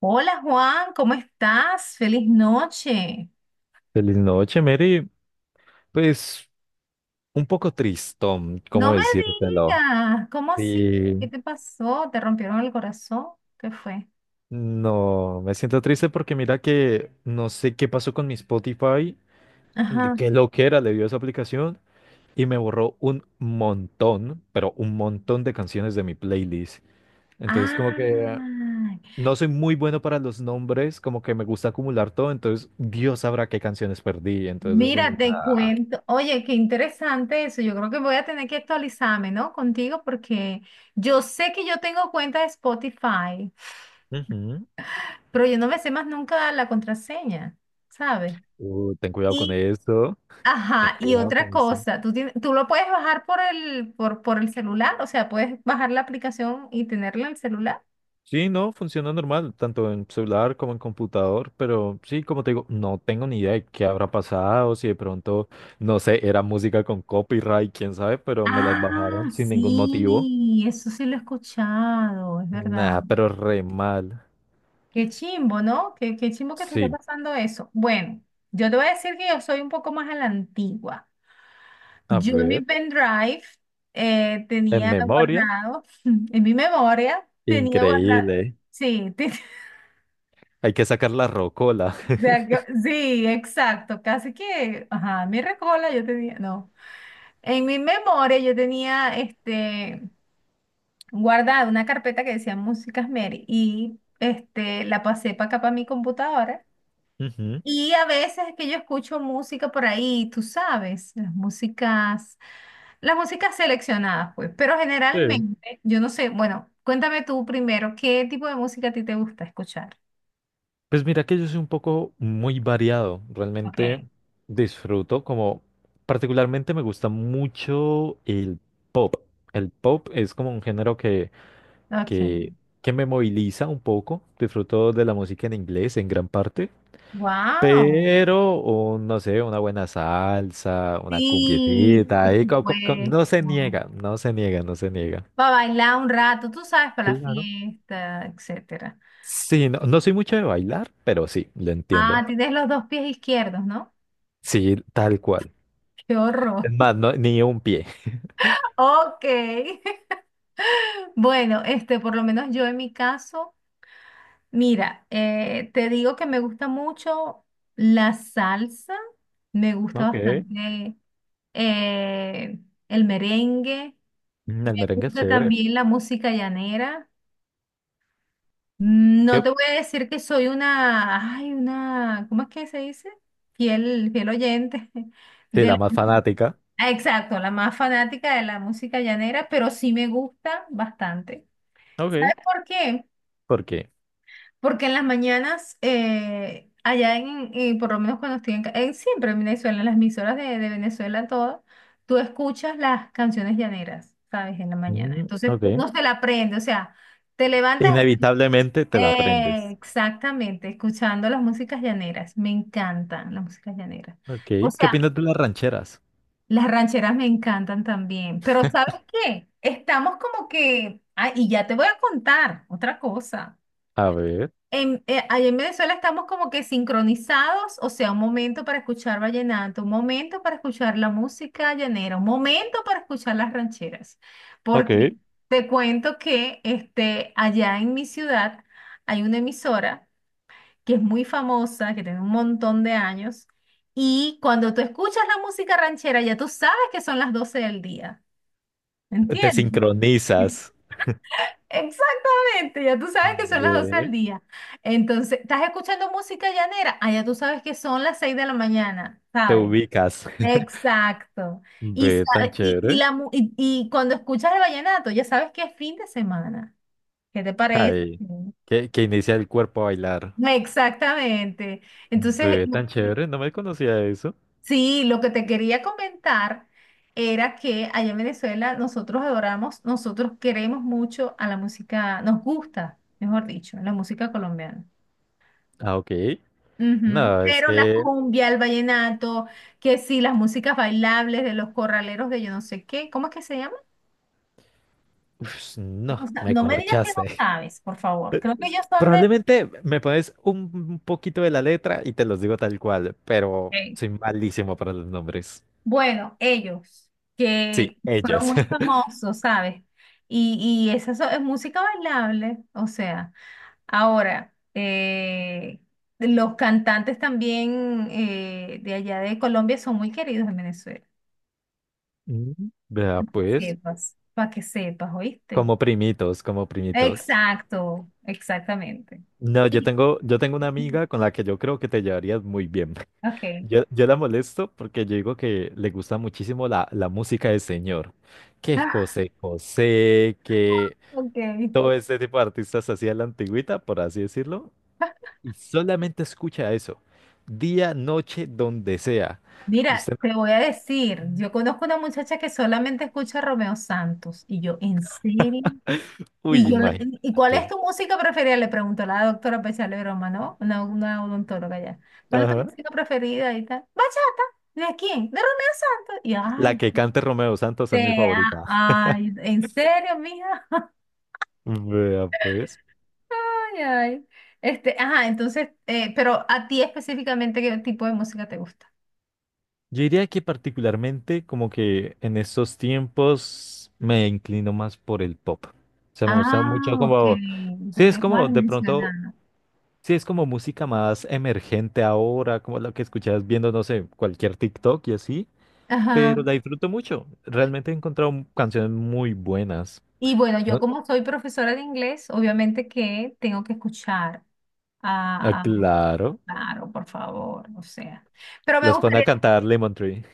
Hola Juan, ¿cómo estás? Feliz noche. Feliz noche, Mary. Pues un poco tristón, ¿cómo No me decírtelo? digas, ¿cómo así? Sí, ¿Qué te pasó? ¿Te rompieron el corazón? ¿Qué fue? no, me siento triste porque mira que no sé qué pasó con mi Spotify, de Ajá. qué loquera le dio esa aplicación y me borró un montón, pero un montón de canciones de mi playlist. Entonces, como Ah, que no soy muy bueno para los nombres, como que me gusta acumular todo, entonces Dios sabrá qué canciones perdí. Entonces, es mira, como, te ah, cuento. Oye, qué interesante eso. Yo creo que voy a tener que actualizarme, ¿no? Contigo porque yo sé que yo tengo cuenta de Spotify, ujú, pero yo no me sé más nunca la contraseña, ¿sabes? Ten cuidado con eso, ten Ajá, y cuidado otra con eso. cosa, tú lo puedes bajar por por el celular, o sea, puedes bajar la aplicación y tenerla en el celular. Sí, no, funciona normal, tanto en celular como en computador, pero sí, como te digo, no tengo ni idea de qué habrá pasado, si de pronto, no sé, era música con copyright, quién sabe, pero me las Ah, bajaron sin ningún motivo. sí, eso sí lo he escuchado, es verdad. Nada, pero re mal. Qué chimbo, ¿no? Qué chimbo que te esté Sí, pasando eso. Bueno, yo te voy a decir que yo soy un poco más a la antigua. a Yo en mi ver, pendrive en tenía memoria, guardado, en mi memoria, tenía guardado, increíble. sí, Hay que sacar la rocola. Sí, exacto, casi que, ajá, mi recola yo tenía, no, en mi memoria yo tenía, este, guardada una carpeta que decía Músicas Mary y, este, la pasé para acá para mi computadora Ujú, y a veces es que yo escucho música por ahí, tú sabes, las músicas seleccionadas, pues, pero sí. generalmente, yo no sé, bueno, cuéntame tú primero, ¿qué tipo de música a ti te gusta escuchar? Pues mira que yo soy un poco muy variado, Ok, realmente disfruto como, particularmente me gusta mucho el pop. El pop es como un género ok, que, que me moviliza un poco, disfruto de la música en inglés en gran parte, wow. pero oh, no sé, una buena salsa, una Sí, cumbiecita, por ahí supuesto. no se niega, no se niega, no se niega. Va a bailar un rato, tú sabes, para la Claro. fiesta, etcétera. Sí, no, no soy mucho de bailar, pero sí, lo entiendo. Tienes los dos pies izquierdos, ¿no? Sí, tal cual. Qué horror. Es más, ni un pie. Ok. Bueno, este, por lo menos yo en mi caso, mira, te digo que me gusta mucho la salsa, me gusta Ok. bastante eh, el merengue, Mm, el me merengue es gusta chévere. también la música llanera. No Yo- te voy a decir que soy una, ay, una, ¿cómo es que se dice? Fiel oyente Sí, de la la, más fanática, exacto, la más fanática de la música llanera, pero sí me gusta bastante. ok, ¿Sabes por qué? porque Porque en las mañanas, allá en por lo menos cuando estoy siempre en Venezuela, en las emisoras de Venezuela, todas, tú escuchas las canciones llaneras, ¿sabes? En la mañana. mm, Entonces ok. uno se la aprende, o sea, te levantas Inevitablemente te la aprendes. exactamente, escuchando las músicas llaneras, me encantan las músicas llaneras. Ok. O ¿Qué sea, opinas de las rancheras? las rancheras me encantan también, pero ¿sabes qué? Estamos como que, ah, y ya te voy a contar otra cosa. A ver, Allá en Venezuela estamos como que sincronizados, o sea, un momento para escuchar vallenato, un momento para escuchar la música llanera, un momento para escuchar las rancheras, ok, porque te cuento que este, allá en mi ciudad hay una emisora que es muy famosa, que tiene un montón de años, y cuando tú escuchas la música ranchera, ya tú sabes que son las 12 del día, te ¿entiendes? sincronizas, Exactamente, ya tú sabes que son las 12 del ve, día. Entonces, ¿estás escuchando música llanera? Ah, ya tú sabes que son las 6 de la mañana, te ¿sabes? ubicas. Exacto. Y, Ve tan sa- y chévere. la, cuando escuchas el vallenato, ya sabes que es fin de semana. ¿Qué te parece? Ay, que inicia el cuerpo a bailar. Exactamente. Entonces, Ve tan chévere, no me conocía eso. sí, lo que te quería comentar era que allá en Venezuela nosotros adoramos, nosotros queremos mucho a la música, nos gusta, mejor dicho, la música colombiana. Ah, ok. Ujú. No, es Pero la que. cumbia, el vallenato, que sí, las músicas bailables de los corraleros de yo no sé qué, ¿cómo es que se llama? Uf, no, No, me no me digas que no corchaste. sabes, por favor. Creo que ellos son de... Probablemente me pones un poquito de la letra y te los digo tal cual, pero Ok. soy malísimo para los nombres. Bueno, ellos, Sí, que fueron ellos. muy famosos, ¿sabes? Y es música bailable, o sea. Ahora, los cantantes también de allá de Colombia son muy queridos en Venezuela. Mm, vea, pues, Sepas, para que sepas, ¿oíste? como primitos, como primitos. Exacto, exactamente. No, Y- yo tengo una amiga con la que yo creo que te llevarías muy bien. Ok. Yo la molesto porque yo digo que le gusta muchísimo la música del señor. Que Ah, José José, que ok. todo este tipo de artistas así de la antigüita, por así decirlo. Y solamente escucha eso. Día, noche, donde sea. Mira, Usted, te voy a decir, yo conozco una muchacha que solamente escucha a Romeo Santos y yo, ¿en serio? no, uy, Y yo, le- ¿y cuál es imagínate. tu música preferida? Le preguntó la doctora Pechalero Roma, ¿no? Una odontóloga ya. ¿Cuál es tu Ajá. música preferida? Y tal. Bachata. ¿De quién? De Romeo Santos. Y La ay, que cante Romeo Santos es mi favorita. ay, ¿en serio, mija? Vea, pues. Ay, ay. Este, ajá, entonces, pero a ti específicamente, ¿qué tipo de música te gusta? Yo diría que particularmente como que en estos tiempos me inclino más por el pop. O sea, me gusta mucho Ah, ok. como... Sí, Ya me es acabas como de de mencionar. pronto... ¿No? Sí, es como música más emergente ahora, como la que escuchas viendo, no sé, cualquier TikTok y así. Pero Ajá. la disfruto mucho. Realmente he encontrado canciones muy buenas. Y bueno, yo ¿No? como soy profesora de inglés, obviamente que tengo que escuchar Ah, a, a- claro. claro, por favor, o sea. Pero me Las pone a gustaría, cantar Lemon Tree.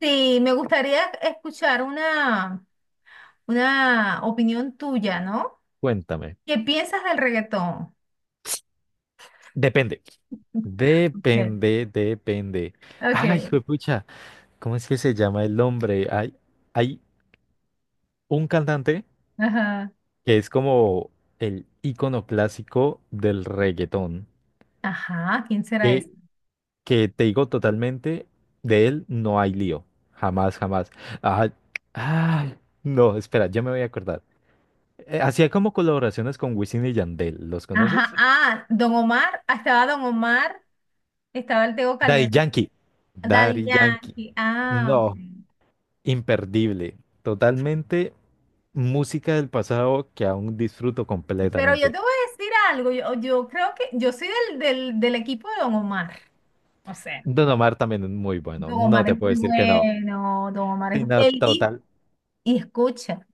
sí, me gustaría escuchar una opinión tuya, ¿no? Cuéntame. ¿Qué piensas del reggaetón? Depende. Okay. Depende, depende. Ok. Ay, juepucha, ¿cómo es que se llama el hombre? Hay un cantante Ajá. que es como el ícono clásico del reggaetón. Ajá, ¿quién será Que, ese? que te digo totalmente, de él no hay lío. Jamás, jamás. Ay, ay, no, espera, yo me voy a acordar. Hacía como colaboraciones con Wisin y Yandel, ¿los Ajá, conoces? Don Omar, estaba Don Omar, estaba el Tego Daddy Calderón, Yankee. Daddy Daddy Yankee. Yankee, ah, ok. No, imperdible. Totalmente música del pasado que aún disfruto Pero yo completamente. te voy a decir algo, yo creo que yo soy del equipo de Don Omar, o sea, Don Omar también es muy bueno, Don no Omar te es puedo muy decir que no. bueno, Don Omar es... Sino Él dijo, total, y escucha,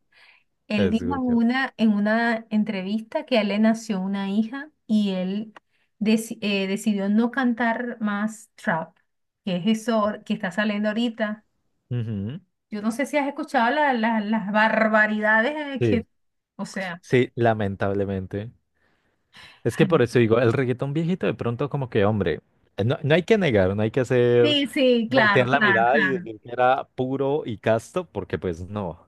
él dijo en escucho. En una entrevista que a él le nació una hija y él decidió no cantar más trap, que es eso que está saliendo ahorita. Ujú. Yo no sé si has escuchado las barbaridades Sí, que, o sea, sí, lamentablemente. Es que ay, por eso digo, el reggaetón viejito de pronto como que, hombre, no, no hay que negar, no hay que hacer, sí, sí, claro, voltear la claro, mirada y claro. decir que era puro y casto, porque pues no.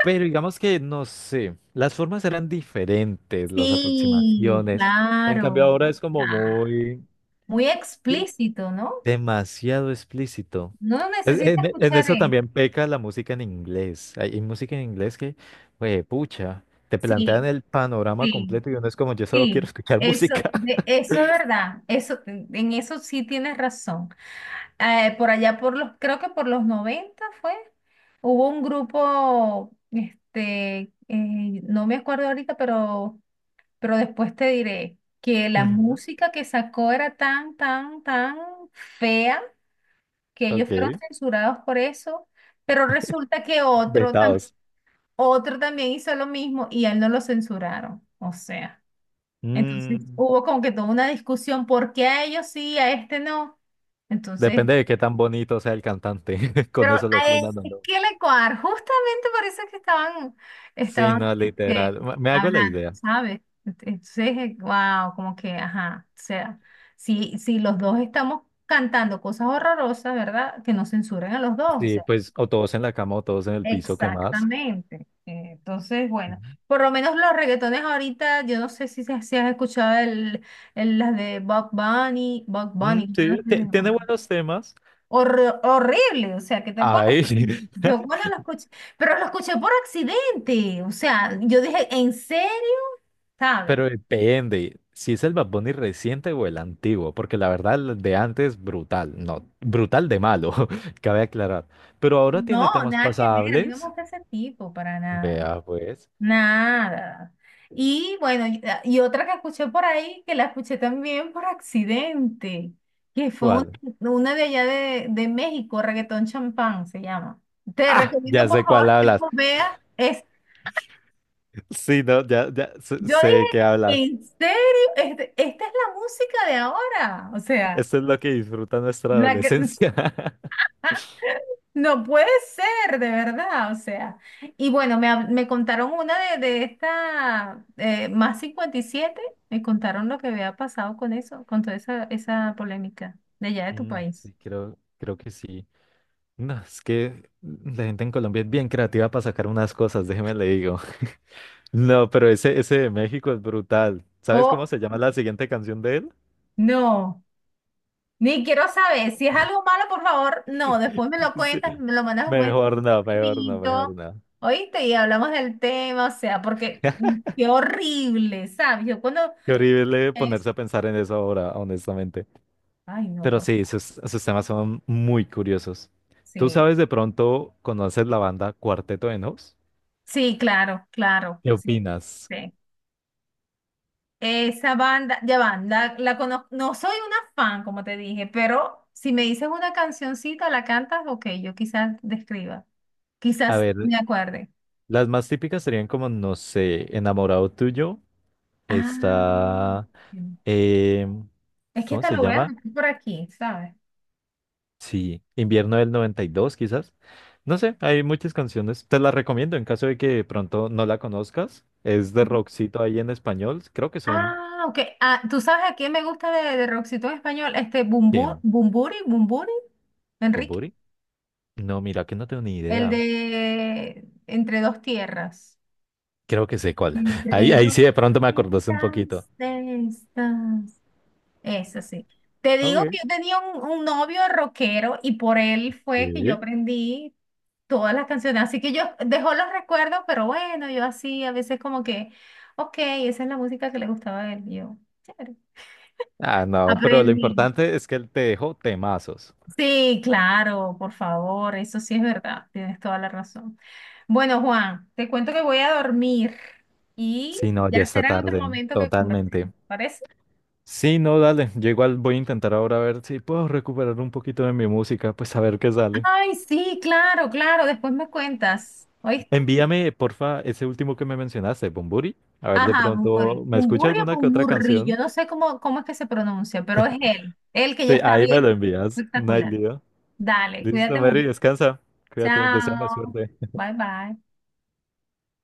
Pero digamos que, no sé, las formas eran diferentes, las Sí, aproximaciones. En cambio claro. ahora es como Ah, muy, muy sí, explícito, ¿no? demasiado explícito. No necesita En escuchar eso eso. también peca la música en inglés. Hay música en inglés que, güey, pucha, te plantean Sí, el panorama sí, completo y uno es como, yo solo quiero sí. escuchar Eso, música. de, eso es verdad. Eso, en eso sí tienes razón. Por allá por los, creo que por los 90 fue, hubo un grupo, este, no me acuerdo ahorita, pero después te diré que la música que sacó era tan, tan, tan fea que ellos fueron Ok. censurados por eso, pero resulta que otro, Vetados. otro también hizo lo mismo y a él no lo censuraron. O sea, entonces Mm, hubo como que toda una discusión, ¿por qué a ellos sí, a este no? Entonces, depende de qué tan bonito sea el cantante. Con pero a eso lo él, fundan o no. ¿qué le coar? Justamente por eso es que estaban, Sí, estaban no, este, literal. Me hago la hablando, idea. ¿sabes? Entonces, wow, como que, ajá, o sea, si los dos estamos cantando cosas horrorosas, ¿verdad? Que no censuren a los dos. O Sí, sea, pues, o todos en la cama o todos en el piso, ¿qué más? exactamente. Entonces, bueno, Ujú. por lo menos los reggaetones ahorita, yo no sé si has escuchado el, las de Bob Bunny, Bob Mm, Bunny, yo no sí, sé, tiene ajá. buenos temas. Horrible, o sea, ¿qué te puedo Ay, decir? Yo cuando lo escuché, pero lo escuché por accidente, o sea, yo dije, ¿en serio? ¿Sabes? pero depende si es el Bad Bunny reciente o el antiguo, porque la verdad el de antes brutal, no, brutal de malo, cabe aclarar. Pero ahora tiene No, temas nada que ver, a mí no me pasables. gusta ese tipo para nada. Vea pues, Nada. Y bueno, y, ah, y otra que escuché por ahí, que la escuché también por accidente, que fue ¿cuál? una de allá de México, Reggaetón Champán se llama. Te Ah, recomiendo, ya por sé cuál favor, que hablas. tú veas. Es, Sí, no, ya sé, yo sé dije, qué hablas. ¿en serio? Esta es la música de ahora. O sea, Esto es lo que disfruta nuestra la que, adolescencia. no puede ser, de verdad, o sea. Y bueno, me, me contaron una de esta, más 57. Me contaron lo que había pasado con eso, con toda esa, esa polémica de allá de tu Mm, país. sí, creo que sí. No, es que la gente en Colombia es bien creativa para sacar unas cosas, déjeme le digo. No, pero ese de México es brutal. ¿Sabes cómo Oh, se llama la siguiente canción de él? no, ni quiero saber, si es algo malo, por favor, no, después me lo Sí. cuentas, me lo mandas un Mejor no, mejor no, mejor mensajito, no. ¿oíste? Y hablamos del tema, o sea, porque mm, qué horrible, ¿sabes? Yo cuando Qué horrible es, ponerse a pensar en eso ahora, honestamente. ay, no, Pero por sí, favor, sus temas son muy curiosos. ¿Tú sí. sabes de pronto, conoces la banda Cuarteto de Nos? Sí, claro, claro. ¿Qué Sí. opinas? Sí. Esa banda, ya banda, la conozco, no soy una fan, como te dije, pero si me dices una cancioncita, la cantas, ok, yo quizás describa, A quizás ver, me acuerde. las más típicas serían como, no sé, Enamorado Tuyo, Ah, está, sí, eh, es que ¿cómo hasta se lo voy a llama? anotar por aquí, ¿sabes? Sí, Invierno del 92 quizás. No sé, hay muchas canciones. Te las recomiendo en caso de que de pronto no la conozcas. Es de rockcito ahí en español. Creo que son... Ah, ok. Ah, ¿tú sabes a quién me gusta de Roxito en español? Este Bumburi, ¿Quién? Bumburi, Bumburi, Enrique, ¿Bunbury? No, mira que no tengo ni el idea. de Entre dos tierras. Creo que sé cuál. Entre Ahí dos sí de pronto me acordaste un poquito. plantas de estas. Eso sí. Te digo Ok. que yo tenía un novio rockero y por él fue que yo Sí. aprendí todas las canciones. Así que yo dejó los recuerdos, pero bueno, yo así a veces como que, ok, esa es la música que le gustaba a él. Y yo, chévere. Ah, no, pero lo Aprendí. importante es que él te dejó temazos. Sí, claro, por favor, eso sí es verdad, tienes toda la razón. Bueno, Juan, te cuento que voy a dormir y Si no, ya ya está será en otro tarde, momento que totalmente. conversemos, ¿parece? Sí, no, dale. Yo igual voy a intentar ahora ver si puedo recuperar un poquito de mi música, pues a ver qué sale. Ay, sí, claro, claro, después me cuentas, ¿oíste? Envíame, porfa, ese último que me mencionaste, Bumburi. A ver, de Ajá, Bumburi. pronto, ¿me escucha Bumburi o alguna que otra Bumburri, yo canción? no sé cómo es que se pronuncia, pero es él, él que ya Sí, está ahí me lo viejo, envías. No hay espectacular. lío. Dale, Listo, cuídate Mary, mucho. descansa. Cuídate, deséame Chao, suerte. bye bye.